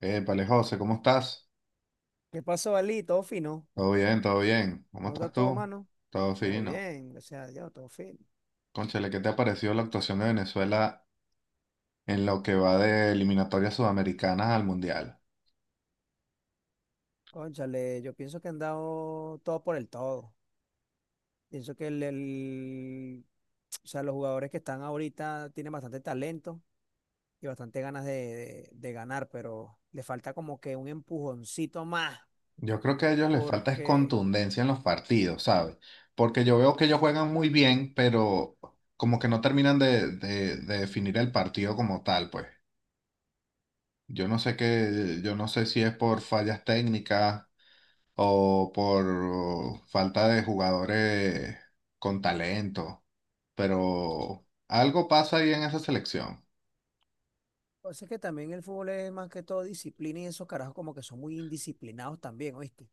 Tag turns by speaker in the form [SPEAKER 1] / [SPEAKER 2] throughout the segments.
[SPEAKER 1] Épale, José, ¿cómo estás?
[SPEAKER 2] ¿Qué pasó, Ali? Todo fino.
[SPEAKER 1] Todo bien, todo bien. ¿Cómo
[SPEAKER 2] ¿Cómo está
[SPEAKER 1] estás
[SPEAKER 2] todo,
[SPEAKER 1] tú?
[SPEAKER 2] mano?
[SPEAKER 1] Todo
[SPEAKER 2] Todo
[SPEAKER 1] fino.
[SPEAKER 2] bien, gracias a Dios, todo fino.
[SPEAKER 1] Cónchale, ¿qué te ha parecido la actuación de Venezuela en lo que va de eliminatorias sudamericanas al Mundial?
[SPEAKER 2] Cónchale, yo pienso que han dado todo por el todo. Pienso que o sea, los jugadores que están ahorita tienen bastante talento y bastante ganas de ganar, pero le falta como que un empujoncito más,
[SPEAKER 1] Yo creo que a ellos les falta es
[SPEAKER 2] porque
[SPEAKER 1] contundencia en los partidos, ¿sabes? Porque yo veo que ellos juegan muy bien, pero como que no terminan de definir el partido como tal, pues. Yo no sé qué, yo no sé si es por fallas técnicas o por falta de jugadores con talento, pero algo pasa ahí en esa selección.
[SPEAKER 2] pasa que también el fútbol es más que todo disciplina y esos carajos como que son muy indisciplinados también, ¿oíste?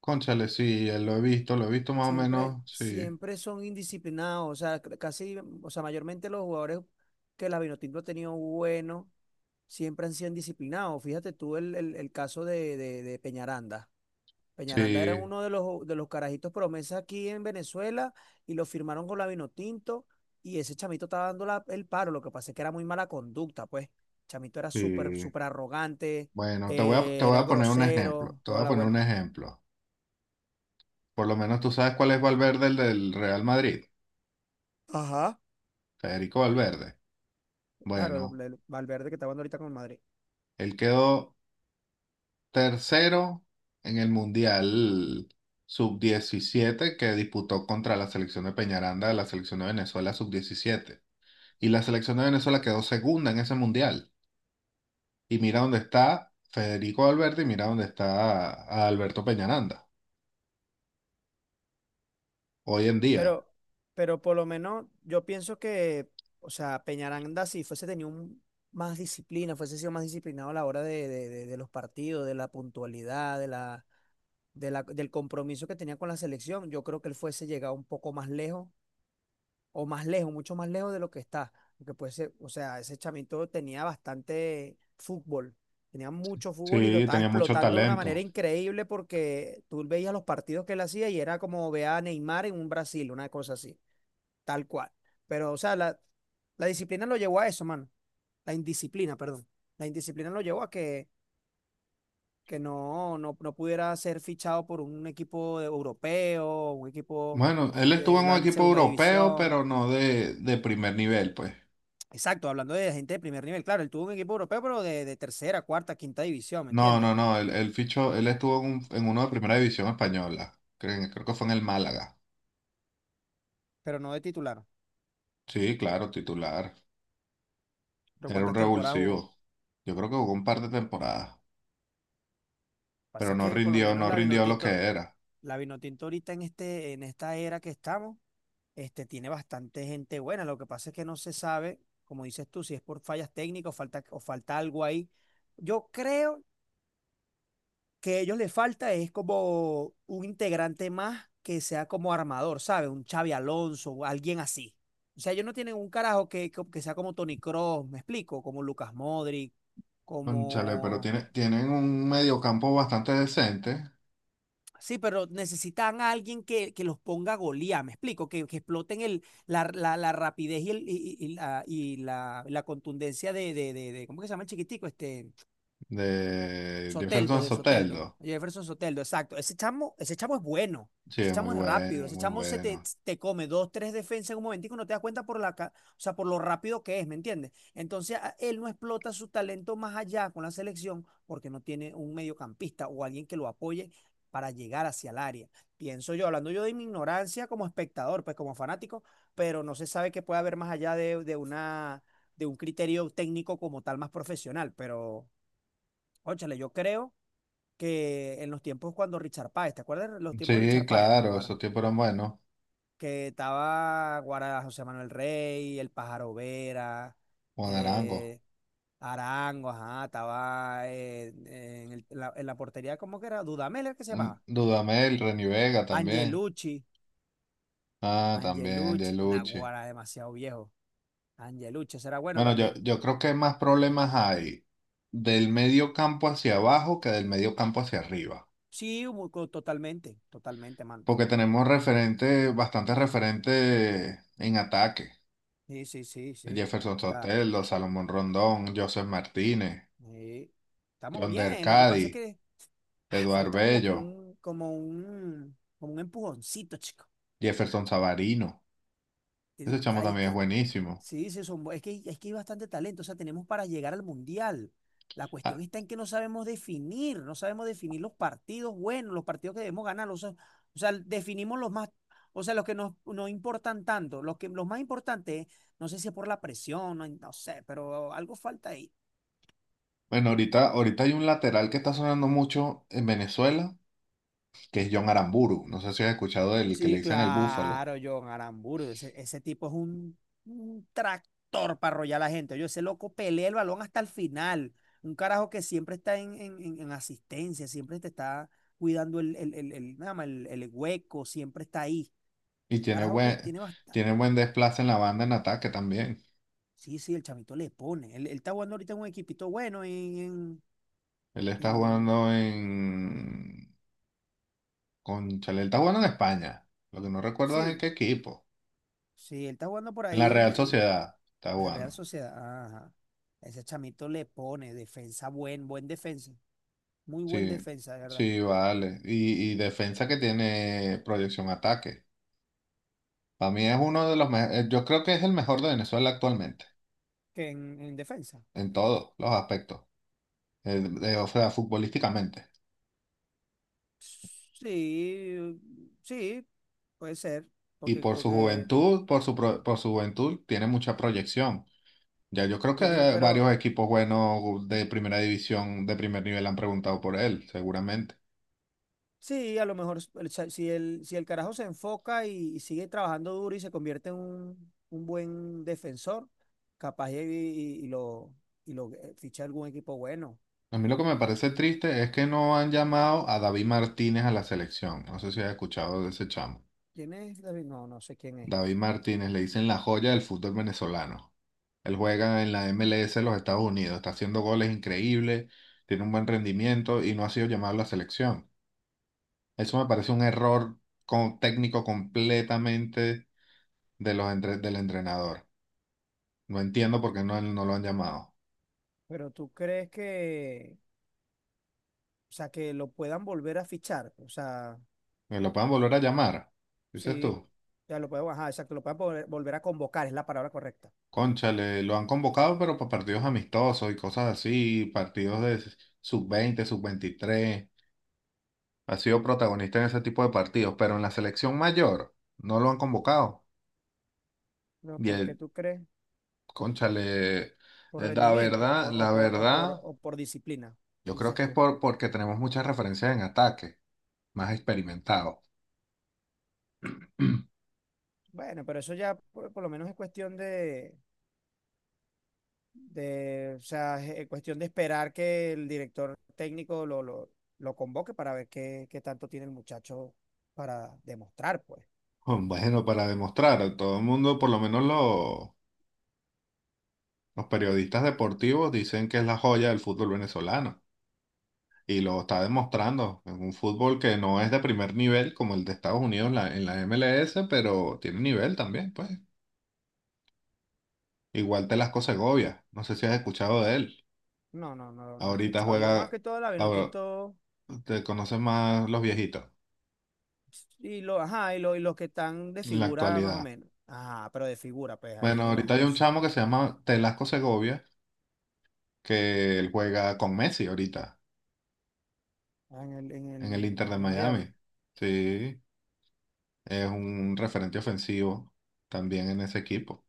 [SPEAKER 1] Cónchale, sí, lo he visto más o
[SPEAKER 2] Siempre,
[SPEAKER 1] menos, sí,
[SPEAKER 2] siempre son indisciplinados, o sea, casi, o sea, mayormente los jugadores que la Vinotinto ha tenido bueno, siempre han sido indisciplinados. Fíjate tú el caso de Peñaranda. Peñaranda era
[SPEAKER 1] sí,
[SPEAKER 2] uno de los carajitos promesa aquí en Venezuela y lo firmaron con la Vinotinto y ese chamito estaba dando el paro. Lo que pasa es que era muy mala conducta, pues. El chamito era súper,
[SPEAKER 1] sí.
[SPEAKER 2] súper arrogante,
[SPEAKER 1] Bueno, te voy
[SPEAKER 2] era
[SPEAKER 1] a poner un ejemplo,
[SPEAKER 2] grosero,
[SPEAKER 1] te voy
[SPEAKER 2] toda
[SPEAKER 1] a
[SPEAKER 2] la
[SPEAKER 1] poner un
[SPEAKER 2] vuelta.
[SPEAKER 1] ejemplo. Por lo menos tú sabes cuál es Valverde, el del Real Madrid,
[SPEAKER 2] Ajá.
[SPEAKER 1] Federico Valverde.
[SPEAKER 2] Claro,
[SPEAKER 1] Bueno,
[SPEAKER 2] el Valverde que está jugando ahorita con el Madrid.
[SPEAKER 1] él quedó tercero en el Mundial sub diecisiete que disputó contra la selección de Peñaranda de la selección de Venezuela sub diecisiete. Y la selección de Venezuela quedó segunda en ese Mundial. Y mira dónde está Federico Valverde y mira dónde está a Alberto Peñaranda hoy en día.
[SPEAKER 2] Pero, pero por lo menos yo pienso que, o sea, Peñaranda, si fuese tenido un- más disciplina, fuese sido más disciplinado a la hora de, de los partidos, de la puntualidad, de la, del compromiso que tenía con la selección, yo creo que él fuese llegado un poco más lejos, o más lejos, mucho más lejos de lo que está. Porque puede ser, o sea, ese chamito tenía bastante fútbol, tenía mucho fútbol y lo
[SPEAKER 1] Sí,
[SPEAKER 2] estaba
[SPEAKER 1] tenía mucho
[SPEAKER 2] explotando de una manera
[SPEAKER 1] talento.
[SPEAKER 2] increíble porque tú veías los partidos que él hacía y era como ver a Neymar en un Brasil, una cosa así. Tal cual. Pero, o sea, la disciplina lo llevó a eso, mano. La indisciplina, perdón. La indisciplina lo llevó a que no, no, no pudiera ser fichado por un europeo, un equipo
[SPEAKER 1] Bueno, él estuvo
[SPEAKER 2] de
[SPEAKER 1] en un
[SPEAKER 2] la
[SPEAKER 1] equipo
[SPEAKER 2] segunda
[SPEAKER 1] europeo,
[SPEAKER 2] división.
[SPEAKER 1] pero no de primer nivel, pues.
[SPEAKER 2] Exacto, hablando de gente de primer nivel. Claro, él tuvo un equipo europeo, pero de tercera, cuarta, quinta división, ¿me
[SPEAKER 1] No,
[SPEAKER 2] entiendes?
[SPEAKER 1] no, no, él fichó, él estuvo en, en uno de primera división española. Creo, creo que fue en el Málaga.
[SPEAKER 2] Pero no de titular.
[SPEAKER 1] Sí, claro, titular.
[SPEAKER 2] ¿Pero
[SPEAKER 1] Era un
[SPEAKER 2] cuántas temporadas jugó? Lo
[SPEAKER 1] revulsivo. Yo creo que jugó un par de temporadas,
[SPEAKER 2] que pasa
[SPEAKER 1] pero
[SPEAKER 2] es
[SPEAKER 1] no
[SPEAKER 2] que por lo
[SPEAKER 1] rindió,
[SPEAKER 2] menos
[SPEAKER 1] no rindió lo que era.
[SPEAKER 2] La Vinotinto ahorita en este, en esta era que estamos. Este, tiene bastante gente buena. Lo que pasa es que no se sabe, como dices tú, si es por fallas técnicas o falta algo ahí. Yo creo que a ellos les falta es como un integrante más que sea como armador, ¿sabes? Un Xavi Alonso o alguien así. O sea, ellos no tienen un carajo que, que sea como Toni Kroos, me explico, como Lucas Modric,
[SPEAKER 1] Cónchale, pero tiene,
[SPEAKER 2] como.
[SPEAKER 1] tienen un mediocampo bastante decente
[SPEAKER 2] Sí, pero necesitan a alguien que los ponga a golear, me explico, que exploten el, la, la rapidez y, el, y, y la, y la contundencia de, ¿cómo que se llama el chiquitico? Este,
[SPEAKER 1] de
[SPEAKER 2] Soteldo,
[SPEAKER 1] Jefferson
[SPEAKER 2] de Soteldo.
[SPEAKER 1] Soteldo.
[SPEAKER 2] Jefferson Soteldo, exacto. Ese chamo es bueno.
[SPEAKER 1] Sí,
[SPEAKER 2] Ese
[SPEAKER 1] es muy
[SPEAKER 2] chamo es rápido.
[SPEAKER 1] bueno,
[SPEAKER 2] Ese
[SPEAKER 1] muy
[SPEAKER 2] chamo se te,
[SPEAKER 1] bueno.
[SPEAKER 2] te come dos, tres defensas en un momentico y no te das cuenta por la, o sea, por lo rápido que es, ¿me entiendes? Entonces, él no explota su talento más allá con la selección porque no tiene un mediocampista o alguien que lo apoye para llegar hacia el área. Pienso yo, hablando yo de mi ignorancia como espectador, pues como fanático, pero no se sabe qué puede haber más allá de una, de un criterio técnico como tal más profesional. Pero, óchale, yo creo que en los tiempos cuando Richard Páez, ¿te acuerdas de los tiempos de
[SPEAKER 1] Sí,
[SPEAKER 2] Richard Páez en
[SPEAKER 1] claro, esos
[SPEAKER 2] Aguara?
[SPEAKER 1] tipos eran buenos.
[SPEAKER 2] Que estaba Guara José Manuel Rey, el Pájaro Vera,
[SPEAKER 1] Juan Arango,
[SPEAKER 2] eh, Arango, ajá, estaba en, en la portería, ¿cómo que era? Dudamel, ¿era que se
[SPEAKER 1] mm,
[SPEAKER 2] llamaba?
[SPEAKER 1] Dudamel, Reni Vega también.
[SPEAKER 2] Angelucci,
[SPEAKER 1] Ah, también
[SPEAKER 2] Angelucci,
[SPEAKER 1] Angelucci.
[SPEAKER 2] Naguara, demasiado viejo. Angelucci, será bueno
[SPEAKER 1] Bueno, yo,
[SPEAKER 2] también.
[SPEAKER 1] yo creo que más problemas hay del medio campo hacia abajo que del medio campo hacia arriba.
[SPEAKER 2] Sí, totalmente, totalmente, mano.
[SPEAKER 1] Porque tenemos referentes, bastantes referentes en ataque.
[SPEAKER 2] Sí, sí, sí, sí.
[SPEAKER 1] Jefferson
[SPEAKER 2] Está,
[SPEAKER 1] Sotelo, Salomón Rondón, Joseph Martínez,
[SPEAKER 2] sí. Estamos
[SPEAKER 1] John
[SPEAKER 2] bien, lo que pasa es
[SPEAKER 1] Dercadi,
[SPEAKER 2] que ah,
[SPEAKER 1] Eduard
[SPEAKER 2] falta como que
[SPEAKER 1] Bello,
[SPEAKER 2] un, como un, como un empujoncito, chico.
[SPEAKER 1] Jefferson Savarino. Ese
[SPEAKER 2] Tienen-
[SPEAKER 1] chamo
[SPEAKER 2] hay
[SPEAKER 1] también es
[SPEAKER 2] que-
[SPEAKER 1] buenísimo.
[SPEAKER 2] sí, sí, son, es que hay bastante talento, o sea, tenemos para llegar al mundial. La cuestión
[SPEAKER 1] Ah,
[SPEAKER 2] está en que no sabemos definir, no sabemos definir los partidos buenos, los partidos que debemos ganar, o sea, definimos los más, o sea, los que nos, nos importan tanto, los que, los más importantes, no sé si es por la presión, no, no sé, pero algo falta ahí.
[SPEAKER 1] bueno, ahorita, ahorita hay un lateral que está sonando mucho en Venezuela, que es John Aramburu. No sé si has escuchado del que le
[SPEAKER 2] Sí,
[SPEAKER 1] dicen el Búfalo.
[SPEAKER 2] claro, John Aramburu. Ese tipo es un tractor para arrollar a la gente. Yo, ese loco pelea el balón hasta el final. Un carajo que siempre está en, en asistencia, siempre te está cuidando el, nada más, el hueco, siempre está ahí.
[SPEAKER 1] Y
[SPEAKER 2] Carajo que tiene bastante.
[SPEAKER 1] tiene buen desplace en la banda en ataque también.
[SPEAKER 2] Sí, sí, el chamito le pone. Él está jugando ahorita en un equipito bueno en,
[SPEAKER 1] Él está
[SPEAKER 2] en-
[SPEAKER 1] jugando en cónchale, él está jugando en España. Lo que no recuerdo es en
[SPEAKER 2] Sí,
[SPEAKER 1] qué equipo.
[SPEAKER 2] sí, él está jugando por
[SPEAKER 1] En la
[SPEAKER 2] ahí
[SPEAKER 1] Real
[SPEAKER 2] en
[SPEAKER 1] Sociedad está
[SPEAKER 2] la Real
[SPEAKER 1] jugando.
[SPEAKER 2] Sociedad. Ajá. Ese chamito le pone defensa, buen, buen defensa. Muy buen
[SPEAKER 1] Sí,
[SPEAKER 2] defensa, de verdad.
[SPEAKER 1] sí, vale. Y defensa que tiene proyección ataque. Para mí es uno de los mejores. Yo creo que es el mejor de Venezuela actualmente,
[SPEAKER 2] Que en defensa.
[SPEAKER 1] en todos los aspectos. O sea, futbolísticamente.
[SPEAKER 2] Sí, sí, puede ser.
[SPEAKER 1] Y
[SPEAKER 2] Porque,
[SPEAKER 1] por su
[SPEAKER 2] porque
[SPEAKER 1] juventud, por su juventud, tiene mucha proyección. Ya yo creo que
[SPEAKER 2] tiene, pero
[SPEAKER 1] varios equipos buenos de primera división, de primer nivel, han preguntado por él, seguramente.
[SPEAKER 2] sí, a lo mejor si el, si el carajo se enfoca y sigue trabajando duro y se convierte en un buen defensor, capaz y, y lo ficha algún equipo bueno.
[SPEAKER 1] A mí lo que me parece
[SPEAKER 2] ¿Y qué-
[SPEAKER 1] triste es que no han llamado a David Martínez a la selección. No sé si has escuchado de ese chamo.
[SPEAKER 2] ¿Quién es David? No, no sé quién es.
[SPEAKER 1] David Martínez le dicen la joya del fútbol venezolano. Él juega en la MLS de los Estados Unidos, está haciendo goles increíbles, tiene un buen rendimiento y no ha sido llamado a la selección. Eso me parece un error técnico completamente de del entrenador. No entiendo por qué no, no lo han llamado.
[SPEAKER 2] Pero tú crees que, o sea, que lo puedan volver a fichar. O sea.
[SPEAKER 1] ¿Me lo pueden volver a llamar? Dices
[SPEAKER 2] Sí,
[SPEAKER 1] tú.
[SPEAKER 2] ya lo podemos, ajá, exacto, lo podemos volver a convocar, es la palabra correcta.
[SPEAKER 1] Cónchale, lo han convocado, pero para partidos amistosos y cosas así, partidos de sub-20, sub-23. Ha sido protagonista en ese tipo de partidos, pero en la selección mayor no lo han convocado.
[SPEAKER 2] No,
[SPEAKER 1] Y
[SPEAKER 2] ¿por qué
[SPEAKER 1] el,
[SPEAKER 2] tú crees?
[SPEAKER 1] cónchale,
[SPEAKER 2] ¿Por rendimiento o por, o
[SPEAKER 1] la
[SPEAKER 2] por, o por,
[SPEAKER 1] verdad,
[SPEAKER 2] o por disciplina?
[SPEAKER 1] yo creo
[SPEAKER 2] Dices
[SPEAKER 1] que es
[SPEAKER 2] tú.
[SPEAKER 1] por, porque tenemos muchas referencias en ataque, más experimentados.
[SPEAKER 2] Bueno, pero eso ya por lo menos es cuestión de, o sea, es cuestión de esperar que el director técnico lo convoque para ver qué, qué tanto tiene el muchacho para demostrar, pues.
[SPEAKER 1] Bueno, para demostrar, todo el mundo, por lo menos los periodistas deportivos, dicen que es la joya del fútbol venezolano. Y lo está demostrando en un fútbol que no es de primer nivel como el de Estados Unidos en en la MLS, pero tiene nivel también, pues. Igual Telasco Segovia, no sé si has escuchado de él.
[SPEAKER 2] No, no, no, no he
[SPEAKER 1] Ahorita
[SPEAKER 2] escuchado. Yo más
[SPEAKER 1] juega,
[SPEAKER 2] que todo la
[SPEAKER 1] ahora,
[SPEAKER 2] Vinotinto.
[SPEAKER 1] te conocen más los viejitos
[SPEAKER 2] Y, lo, ajá, y, y los que están de
[SPEAKER 1] en la
[SPEAKER 2] figura más o
[SPEAKER 1] actualidad.
[SPEAKER 2] menos. Ajá, pero de figura, pues ahí
[SPEAKER 1] Bueno,
[SPEAKER 2] en los
[SPEAKER 1] ahorita hay un
[SPEAKER 2] 11
[SPEAKER 1] chamo que se llama Telasco Segovia, que él juega con Messi ahorita
[SPEAKER 2] ah, en el, en
[SPEAKER 1] en el
[SPEAKER 2] el
[SPEAKER 1] Inter de
[SPEAKER 2] en Miami.
[SPEAKER 1] Miami. Sí, es un referente ofensivo también en ese equipo.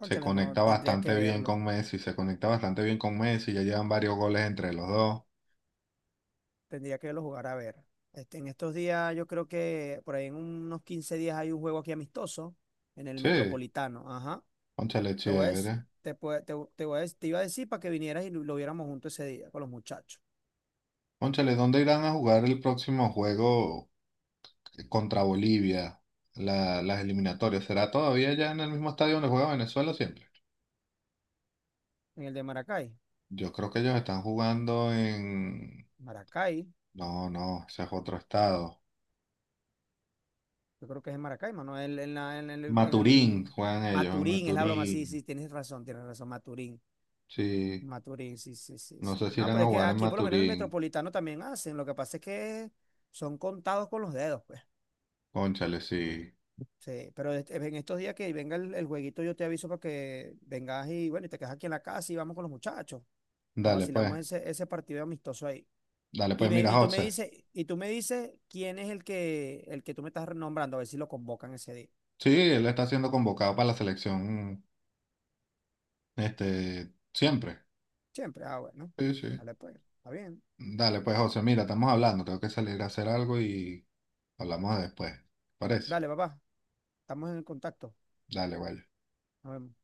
[SPEAKER 1] Se
[SPEAKER 2] no,
[SPEAKER 1] conecta bastante bien con Messi, se conecta bastante bien con Messi, ya llevan varios goles entre los dos.
[SPEAKER 2] tendría que verlo jugar a ver. Este, en estos días yo creo que por ahí en unos 15 días hay un juego aquí amistoso en el
[SPEAKER 1] Sí,
[SPEAKER 2] Metropolitano. Ajá,
[SPEAKER 1] cónchale,
[SPEAKER 2] te voy a decir,
[SPEAKER 1] chévere.
[SPEAKER 2] te, te, te voy a te iba a decir para que vinieras y lo viéramos juntos ese día con los muchachos.
[SPEAKER 1] Cónchale, ¿dónde irán a jugar el próximo juego contra Bolivia? Las eliminatorias, ¿será todavía ya en el mismo estadio donde juega Venezuela siempre?
[SPEAKER 2] En el de Maracay.
[SPEAKER 1] Yo creo que ellos están jugando en...
[SPEAKER 2] Maracay,
[SPEAKER 1] No, no, ese es otro estado.
[SPEAKER 2] yo creo que es en Maracaibo, ¿no? En, en el, en
[SPEAKER 1] Maturín, juegan ellos en
[SPEAKER 2] Maturín, es la broma, sí,
[SPEAKER 1] Maturín.
[SPEAKER 2] sí, tienes razón, Maturín.
[SPEAKER 1] Sí,
[SPEAKER 2] Maturín, sí, sí, sí,
[SPEAKER 1] no
[SPEAKER 2] sí.
[SPEAKER 1] sé si
[SPEAKER 2] No,
[SPEAKER 1] irán
[SPEAKER 2] pero
[SPEAKER 1] a
[SPEAKER 2] es que
[SPEAKER 1] jugar en
[SPEAKER 2] aquí por lo menos en el
[SPEAKER 1] Maturín.
[SPEAKER 2] metropolitano también hacen, lo que pasa es que son contados con los dedos, pues.
[SPEAKER 1] Cónchale, sí.
[SPEAKER 2] Sí, pero este- en estos días que venga el jueguito yo te aviso para que vengas y bueno, y te quedas aquí en la casa y vamos con los muchachos. Nos
[SPEAKER 1] Dale
[SPEAKER 2] vacilamos
[SPEAKER 1] pues,
[SPEAKER 2] ese, ese partido amistoso ahí.
[SPEAKER 1] dale
[SPEAKER 2] Y,
[SPEAKER 1] pues,
[SPEAKER 2] me,
[SPEAKER 1] mira,
[SPEAKER 2] y tú me
[SPEAKER 1] José.
[SPEAKER 2] dices, y tú me dices quién es el que tú me estás nombrando, a ver si lo convocan ese día.
[SPEAKER 1] Sí, él está siendo convocado para la selección, este, siempre.
[SPEAKER 2] Siempre. Ah, bueno.
[SPEAKER 1] Sí, sí.
[SPEAKER 2] Vale, pues. Está bien.
[SPEAKER 1] Dale, pues, José, mira, estamos hablando, tengo que salir a hacer algo y hablamos después. Por eso.
[SPEAKER 2] Dale, papá. Estamos en el contacto.
[SPEAKER 1] Dale, vaya.
[SPEAKER 2] Nos vemos.